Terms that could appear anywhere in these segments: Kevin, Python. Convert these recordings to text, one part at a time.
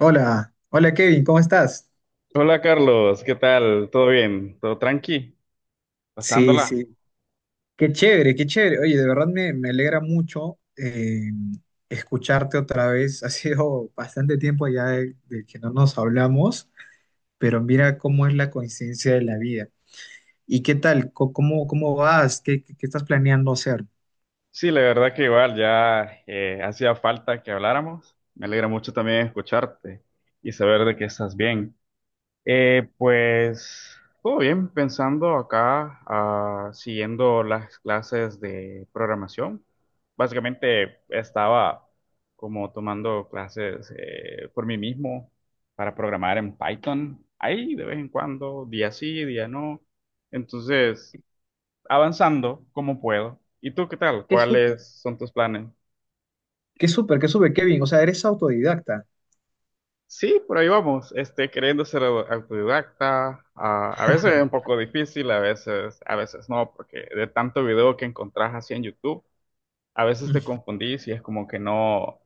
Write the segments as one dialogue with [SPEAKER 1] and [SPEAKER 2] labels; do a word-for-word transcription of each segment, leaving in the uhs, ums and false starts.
[SPEAKER 1] Hola, hola Kevin, ¿cómo estás?
[SPEAKER 2] Hola Carlos, ¿qué tal? ¿Todo bien? ¿Todo tranqui?
[SPEAKER 1] Sí,
[SPEAKER 2] ¿Pasándola?
[SPEAKER 1] sí, qué chévere, qué chévere. Oye, de verdad me, me alegra mucho eh, escucharte otra vez. Ha sido bastante tiempo ya de, de que no nos hablamos, pero mira cómo es la coincidencia de la vida. ¿Y qué tal? Co- ¿Cómo, cómo vas? ¿Qué, qué, qué estás planeando hacer?
[SPEAKER 2] Sí, la verdad que igual ya eh, hacía falta que habláramos. Me alegra mucho también escucharte y saber de que estás bien. Eh, pues todo bien, pensando acá, ah, siguiendo las clases de programación. Básicamente estaba como tomando clases eh, por mí mismo para programar en Python, ahí de vez en cuando, día sí, día no. Entonces, avanzando como puedo. ¿Y tú qué tal?
[SPEAKER 1] Qué súper,
[SPEAKER 2] ¿Cuáles son tus planes?
[SPEAKER 1] qué súper, qué súper, Kevin. O sea, eres autodidacta.
[SPEAKER 2] Sí, por ahí vamos, este, queriendo ser au- autodidacta, a, a veces es un poco difícil, a veces, a veces no, porque de tanto video que encontrás así en YouTube, a veces te
[SPEAKER 1] Mm,
[SPEAKER 2] confundís y es como que no,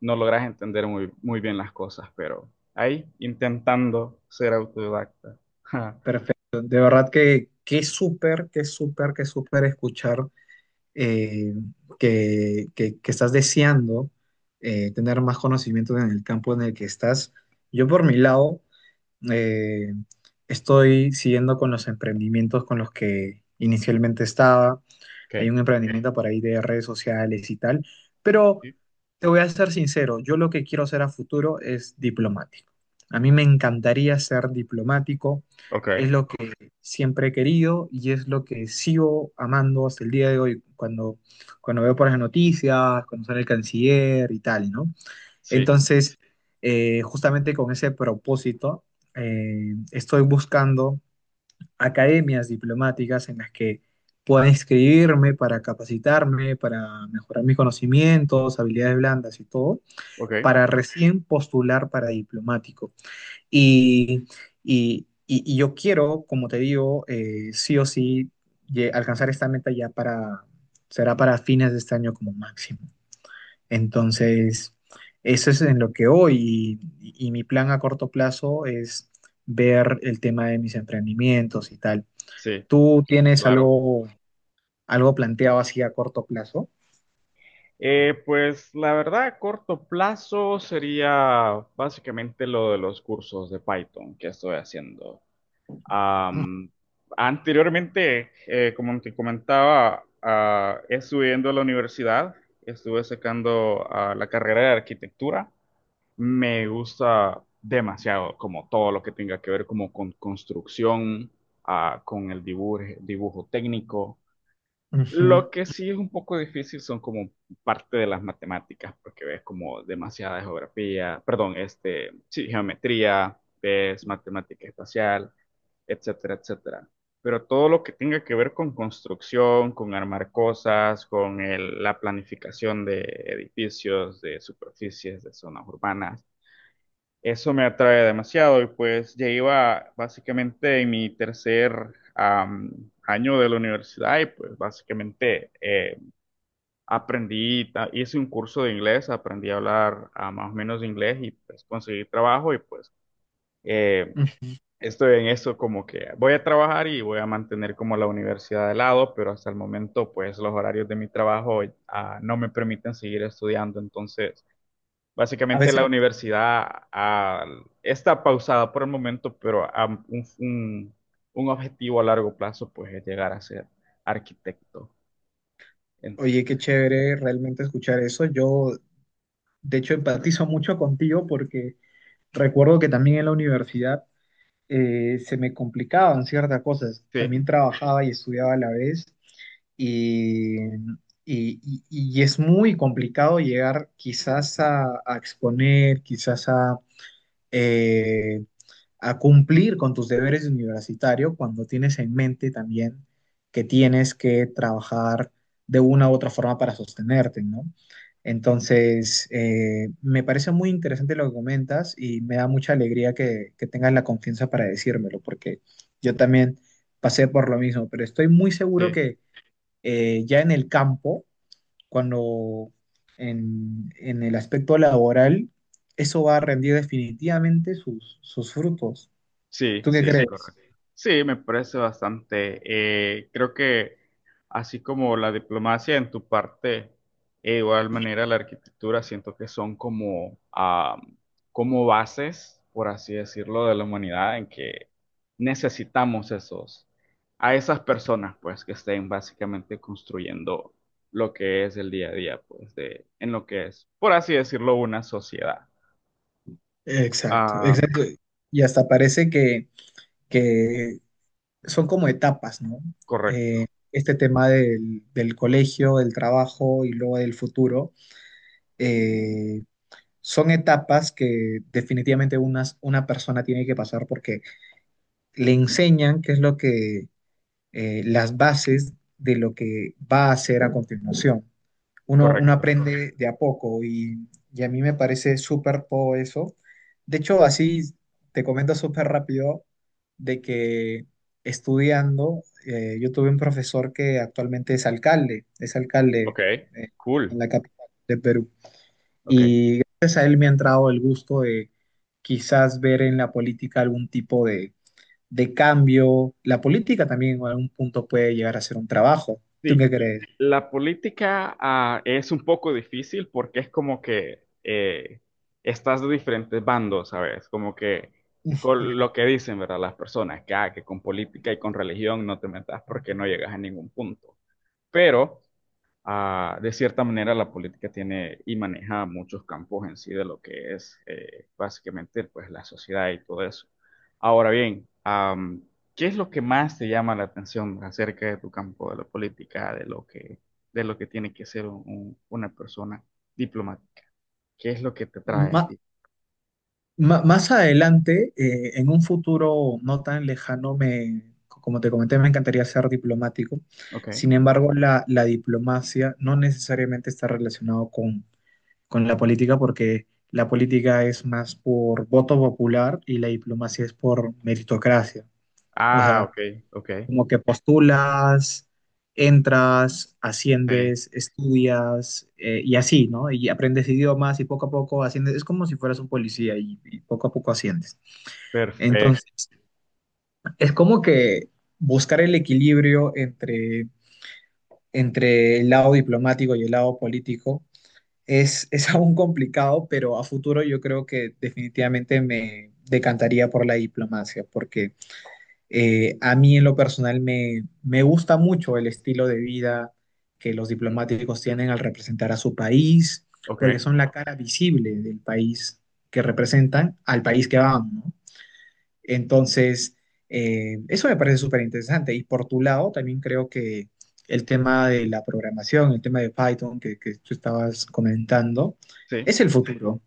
[SPEAKER 2] no logras entender muy, muy bien las cosas, pero ahí intentando ser autodidacta. Ja,
[SPEAKER 1] Perfecto, de verdad que qué súper, qué súper, qué súper escuchar eh, que, que- que estás deseando eh, tener más conocimiento en el campo en el que estás. Yo por mi lado eh, estoy siguiendo con los emprendimientos con los que inicialmente estaba. Hay
[SPEAKER 2] okay,
[SPEAKER 1] un emprendimiento por ahí de redes sociales y tal, pero
[SPEAKER 2] sí,
[SPEAKER 1] te voy a ser sincero, yo lo que quiero hacer a futuro es diplomático. A mí me encantaría ser diplomático,
[SPEAKER 2] okay,
[SPEAKER 1] es lo que siempre he querido y es lo que sigo amando hasta el día de hoy, cuando, cuando veo por las noticias, cuando sale el canciller y tal, ¿no?
[SPEAKER 2] sí,
[SPEAKER 1] Entonces, eh, justamente con ese propósito, eh, estoy buscando academias diplomáticas en las que pueda inscribirme para capacitarme, para mejorar mis conocimientos, habilidades blandas y todo,
[SPEAKER 2] okay,
[SPEAKER 1] para recién postular para diplomático. Y, y- y- y yo quiero, como te digo, eh, sí o sí lle- alcanzar esta meta ya para, será para fines de este año como máximo. Entonces, eso es en lo que hoy y y mi plan a corto plazo es ver el tema de mis emprendimientos y tal.
[SPEAKER 2] sí,
[SPEAKER 1] ¿Tú tienes
[SPEAKER 2] claro.
[SPEAKER 1] algo, algo planteado así a corto plazo?
[SPEAKER 2] Eh, pues la verdad, a corto plazo sería básicamente lo de los cursos de Python que estoy haciendo. Am, anteriormente, eh, como te comentaba, ah, estudiando a la universidad, estuve sacando ah, la carrera de arquitectura. Me gusta demasiado como todo lo que tenga que ver como con construcción, ah, con el dibujo, dibujo técnico.
[SPEAKER 1] Ujú,
[SPEAKER 2] Lo que sí es un poco difícil son como parte de las matemáticas, porque ves como demasiada geografía, perdón, este, sí, geometría, ves matemática espacial, etcétera, etcétera. Pero todo lo que tenga que ver con construcción, con armar cosas, con el- la planificación de edificios, de superficies, de zonas urbanas, eso me atrae demasiado y pues ya iba básicamente en mi tercer am, año de la universidad y pues básicamente eh, aprendí, ta- hice un curso de inglés, aprendí a hablar ah, más o menos inglés y pues conseguí trabajo y pues... eh,
[SPEAKER 1] ujú.
[SPEAKER 2] Estoy en eso como que voy a trabajar y voy a mantener como la universidad de lado, pero hasta el momento pues los horarios de mi trabajo ah, no me permiten seguir estudiando. Entonces,
[SPEAKER 1] A
[SPEAKER 2] básicamente la
[SPEAKER 1] veces,
[SPEAKER 2] universidad ah, está pausada por el momento, pero ah, un, un- un objetivo a largo plazo pues es llegar a ser arquitecto.
[SPEAKER 1] oye, qué
[SPEAKER 2] Entonces,
[SPEAKER 1] chévere realmente escuchar eso. Yo, de hecho, empatizo mucho contigo porque recuerdo que también en la universidad eh, se me complicaban ciertas cosas.
[SPEAKER 2] sí,
[SPEAKER 1] También trabajaba y estudiaba a la vez y, y- y- y es muy complicado llegar quizás a, a exponer, quizás a, eh, a cumplir con tus deberes de universitario cuando tienes en mente también que tienes que trabajar de una u otra forma para sostenerte, ¿no? Entonces, eh, me parece muy interesante lo que comentas y me da mucha alegría que, que tengas la confianza para decírmelo, porque yo también pasé por lo mismo, pero estoy muy seguro
[SPEAKER 2] sí.
[SPEAKER 1] que eh, ya en el campo, cuando en, en el aspecto laboral, eso va a rendir definitivamente sus, sus frutos.
[SPEAKER 2] Sí,
[SPEAKER 1] ¿Tú qué sí,
[SPEAKER 2] sí,
[SPEAKER 1] crees?
[SPEAKER 2] correcto. Sí, me parece bastante. Eh, creo que así como la diplomacia en tu parte, e igual manera la arquitectura, siento que son como, ah, como bases, por así decirlo, de la humanidad en que necesitamos esos, a esas personas, pues, que estén básicamente construyendo lo que es el día a día, pues, de, en lo que es, por así decirlo, una sociedad.
[SPEAKER 1] Exacto,
[SPEAKER 2] Ah,
[SPEAKER 1] exacto. Y hasta parece que, que son como etapas, ¿no? Eh,
[SPEAKER 2] correcto,
[SPEAKER 1] este tema del, del colegio, del trabajo y luego del futuro, eh, son etapas que definitivamente unas- una persona tiene que pasar porque le enseñan qué es lo que, eh, las bases de lo que va a hacer a continuación. Uno, uno
[SPEAKER 2] correcto.
[SPEAKER 1] aprende de a poco y, y a mí me parece súper todo eso. De hecho, así te comento súper rápido de que estudiando, eh, yo tuve un profesor que actualmente es alcalde, es alcalde
[SPEAKER 2] Ok,
[SPEAKER 1] eh,
[SPEAKER 2] cool.
[SPEAKER 1] en la capital de Perú.
[SPEAKER 2] Ok.
[SPEAKER 1] Y gracias a él me ha entrado el gusto de quizás ver en la política algún tipo de, de cambio. La política también en algún punto puede llegar a ser un trabajo. ¿Tú
[SPEAKER 2] Sí,
[SPEAKER 1] qué crees?
[SPEAKER 2] la política ah, es un poco difícil porque es como que eh, estás de diferentes bandos, ¿sabes? Como que con lo que dicen, ¿verdad? Las personas, que, ah, que con política y con religión no te metas porque no llegas a ningún punto. Pero ah, de cierta manera la política tiene y maneja muchos campos en sí de lo que es eh, básicamente pues la sociedad y todo eso. Ahora bien, am, ¿qué es lo que más te llama la atención acerca de tu campo de la política, de lo que, de lo que tiene que ser un- un- una persona diplomática? ¿Qué es lo que te trae a
[SPEAKER 1] Ma-
[SPEAKER 2] ti?
[SPEAKER 1] Ma- más adelante, eh, en un futuro no tan lejano, me, como te comenté, me encantaría ser diplomático.
[SPEAKER 2] Ok.
[SPEAKER 1] Sin embargo, la, la diplomacia no necesariamente está relacionado con, con la política porque la política es más por voto popular y la diplomacia es por meritocracia. O
[SPEAKER 2] Ah,
[SPEAKER 1] sea,
[SPEAKER 2] ok, ok.
[SPEAKER 1] como que postulas, entras,
[SPEAKER 2] Sí,
[SPEAKER 1] asciendes, estudias eh, y así, ¿no? Y aprendes idiomas y poco a poco asciendes. Es como si fueras un policía y y poco a poco asciendes.
[SPEAKER 2] perfecto.
[SPEAKER 1] Entonces, es como que buscar el equilibrio entre, entre el lado diplomático y el lado político es, es aún complicado, pero a futuro yo creo que definitivamente me decantaría por la diplomacia, porque eh, a mí en lo personal me, me gusta mucho el estilo de vida que los
[SPEAKER 2] Mm,
[SPEAKER 1] diplomáticos tienen al representar a su país,
[SPEAKER 2] ok,
[SPEAKER 1] porque son la cara visible del país que representan al país que van, ¿no? Entonces, eh, eso me parece súper interesante. Y por tu lado, también creo que el tema de la programación, el tema de Python que, que tú estabas comentando,
[SPEAKER 2] sí.
[SPEAKER 1] es el futuro,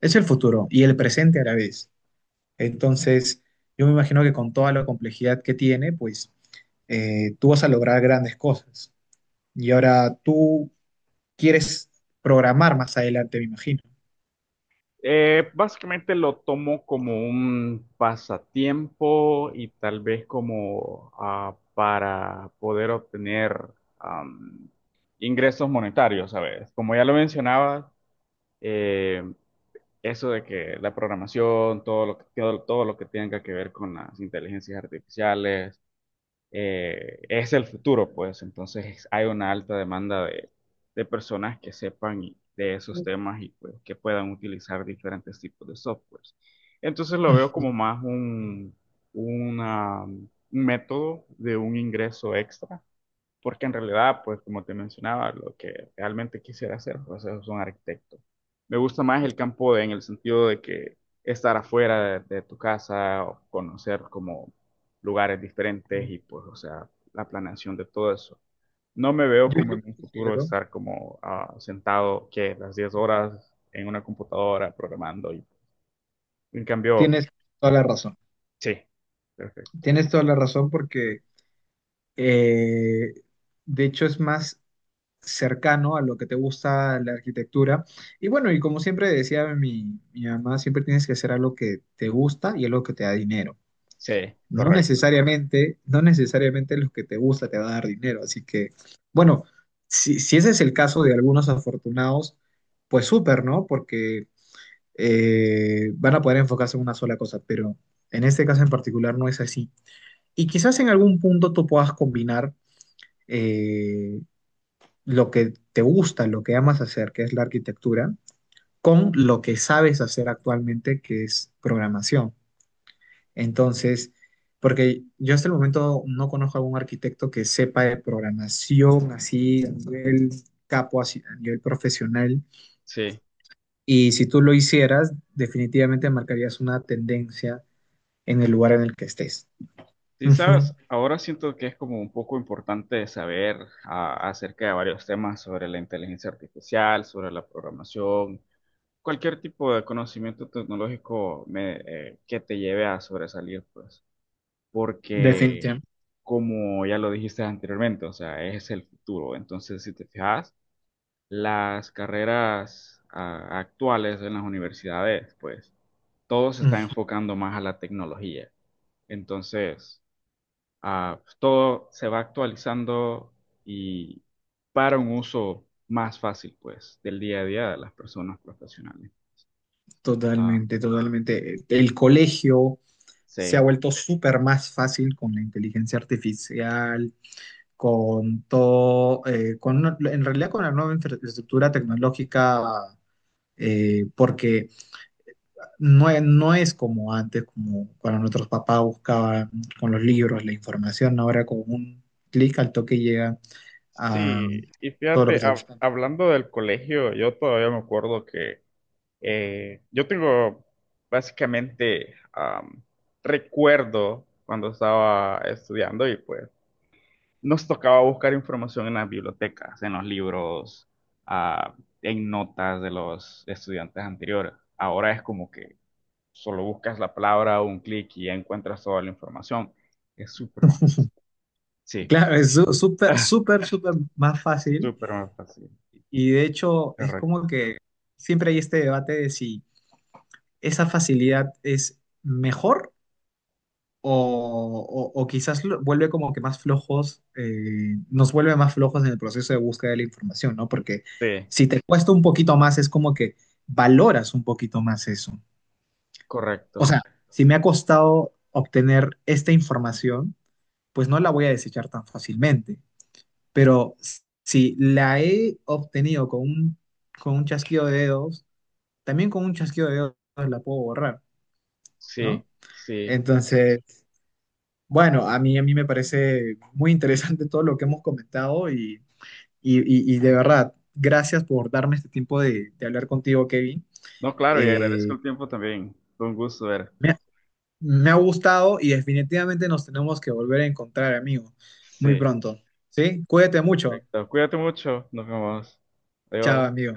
[SPEAKER 1] es el futuro y el presente a la vez. Entonces, yo me imagino que con toda la complejidad que tiene, pues eh, tú vas a lograr grandes cosas. Y ahora tú quieres programar más adelante, me imagino.
[SPEAKER 2] Eh, básicamente lo tomo como un pasatiempo y tal vez como ah, para poder obtener am, ingresos monetarios, ¿sabes? Como ya lo mencionaba, eh, eso de que la programación, todo lo que, todo, todo lo que tenga que ver con las inteligencias artificiales, eh, es el futuro, pues entonces hay una alta demanda de, de personas que sepan y- de esos temas y pues, que puedan utilizar diferentes tipos de softwares. Entonces lo veo como
[SPEAKER 1] Ujú.
[SPEAKER 2] más un, una- un método de un ingreso extra porque en realidad, pues como te mencionaba, lo que realmente quisiera hacer, pues es un arquitecto. Me gusta más el campo de- en el sentido de que estar afuera de, de tu casa, o conocer como lugares diferentes y pues, o sea, la planeación de todo eso. No me veo
[SPEAKER 1] Yo,
[SPEAKER 2] como
[SPEAKER 1] yo
[SPEAKER 2] en un futuro
[SPEAKER 1] considero,
[SPEAKER 2] estar como ah, sentado que las diez horas en una computadora programando. Y, en cambio,
[SPEAKER 1] tienes toda la razón.
[SPEAKER 2] sí, perfecto.
[SPEAKER 1] Tienes toda la razón porque Eh, de hecho, es más cercano a lo que te gusta la arquitectura. Y bueno, y como siempre decía mi, mi mamá, siempre tienes que hacer algo que te gusta y algo que te da dinero.
[SPEAKER 2] Sí,
[SPEAKER 1] No
[SPEAKER 2] correcto.
[SPEAKER 1] necesariamente, no necesariamente lo que te gusta te va a dar dinero. Así que, bueno, si, si ese es el caso de algunos afortunados, pues súper, ¿no? Porque eh, van a poder enfocarse en una sola cosa, pero en este caso en particular no es así. Y quizás en algún punto tú puedas combinar eh, lo que te gusta, lo que amas hacer, que es la arquitectura, con lo que sabes hacer actualmente, que es programación. Entonces, porque yo hasta el momento no conozco a algún arquitecto que sepa de programación así, a nivel capo, así, a nivel profesional.
[SPEAKER 2] Sí.
[SPEAKER 1] Y si tú lo hicieras, definitivamente marcarías una tendencia en el lugar en el que estés.
[SPEAKER 2] Sí,
[SPEAKER 1] Ujú,
[SPEAKER 2] sabes, ahora siento que es como un poco importante saber a- acerca de varios temas sobre la inteligencia artificial, sobre la programación, cualquier tipo de conocimiento tecnológico me- eh, que te lleve a sobresalir, pues, porque
[SPEAKER 1] definitivamente.
[SPEAKER 2] como ya lo dijiste anteriormente, o sea, es el futuro. Entonces, si te fijas, las carreras ah, actuales en las universidades, pues, todo se está
[SPEAKER 1] Ujú,
[SPEAKER 2] enfocando más a la tecnología. Entonces... Ah, pues, todo se va actualizando y para un uso más fácil, pues, del día a día de las personas profesionales. Ah,
[SPEAKER 1] totalmente, totalmente. El colegio se ha
[SPEAKER 2] sí.
[SPEAKER 1] vuelto súper más fácil con la inteligencia artificial, con todo, eh, con, una- en realidad con la nueva infraestructura tecnológica, eh, porque no, e- no es como antes, como cuando nuestros papás buscaban con los libros la información, ahora con un clic al toque llega a
[SPEAKER 2] Sí, y
[SPEAKER 1] todo lo que
[SPEAKER 2] fíjate,
[SPEAKER 1] está
[SPEAKER 2] hab-
[SPEAKER 1] buscando.
[SPEAKER 2] hablando del colegio, yo todavía me acuerdo que eh, yo tengo básicamente am, recuerdo cuando estaba estudiando y pues nos tocaba buscar información en las bibliotecas, en los libros, ah, en notas de los estudiantes anteriores. Ahora es como que solo buscas la palabra, un clic y ya encuentras toda la información. Es súper más fácil. Sí,
[SPEAKER 1] Claro, es su- súper, súper, súper más fácil
[SPEAKER 2] súper más fácil.
[SPEAKER 1] y de hecho es
[SPEAKER 2] Correcto.
[SPEAKER 1] como que siempre hay este debate de si esa facilidad es mejor o, o- o quizás lo- vuelve como que más flojos, eh, nos vuelve más flojos en el proceso de búsqueda de la información, ¿no? Porque
[SPEAKER 2] Sí,
[SPEAKER 1] si te cuesta un poquito más, es como que valoras un poquito más eso. O
[SPEAKER 2] correcto.
[SPEAKER 1] sea, si me ha costado obtener esta información, pues no la voy a desechar tan fácilmente, pero si la he obtenido con un, con un chasquido de dedos, también con un chasquido de dedos la puedo borrar,
[SPEAKER 2] Sí,
[SPEAKER 1] ¿no?
[SPEAKER 2] sí.
[SPEAKER 1] Entonces, bueno, a mí, a mí me parece muy interesante todo lo que hemos comentado y, y- y- y de verdad, gracias por darme este tiempo de, de hablar contigo, Kevin.
[SPEAKER 2] No, claro, y agradezco
[SPEAKER 1] Eh,
[SPEAKER 2] el tiempo también. Fue un gusto ver.
[SPEAKER 1] me, ha Me ha gustado y definitivamente nos tenemos que volver a encontrar, amigo, muy
[SPEAKER 2] Sí,
[SPEAKER 1] pronto. ¿Sí? Cuídate mucho.
[SPEAKER 2] perfecto. Cuídate mucho. Nos vemos.
[SPEAKER 1] Chao,
[SPEAKER 2] Adiós.
[SPEAKER 1] amigo.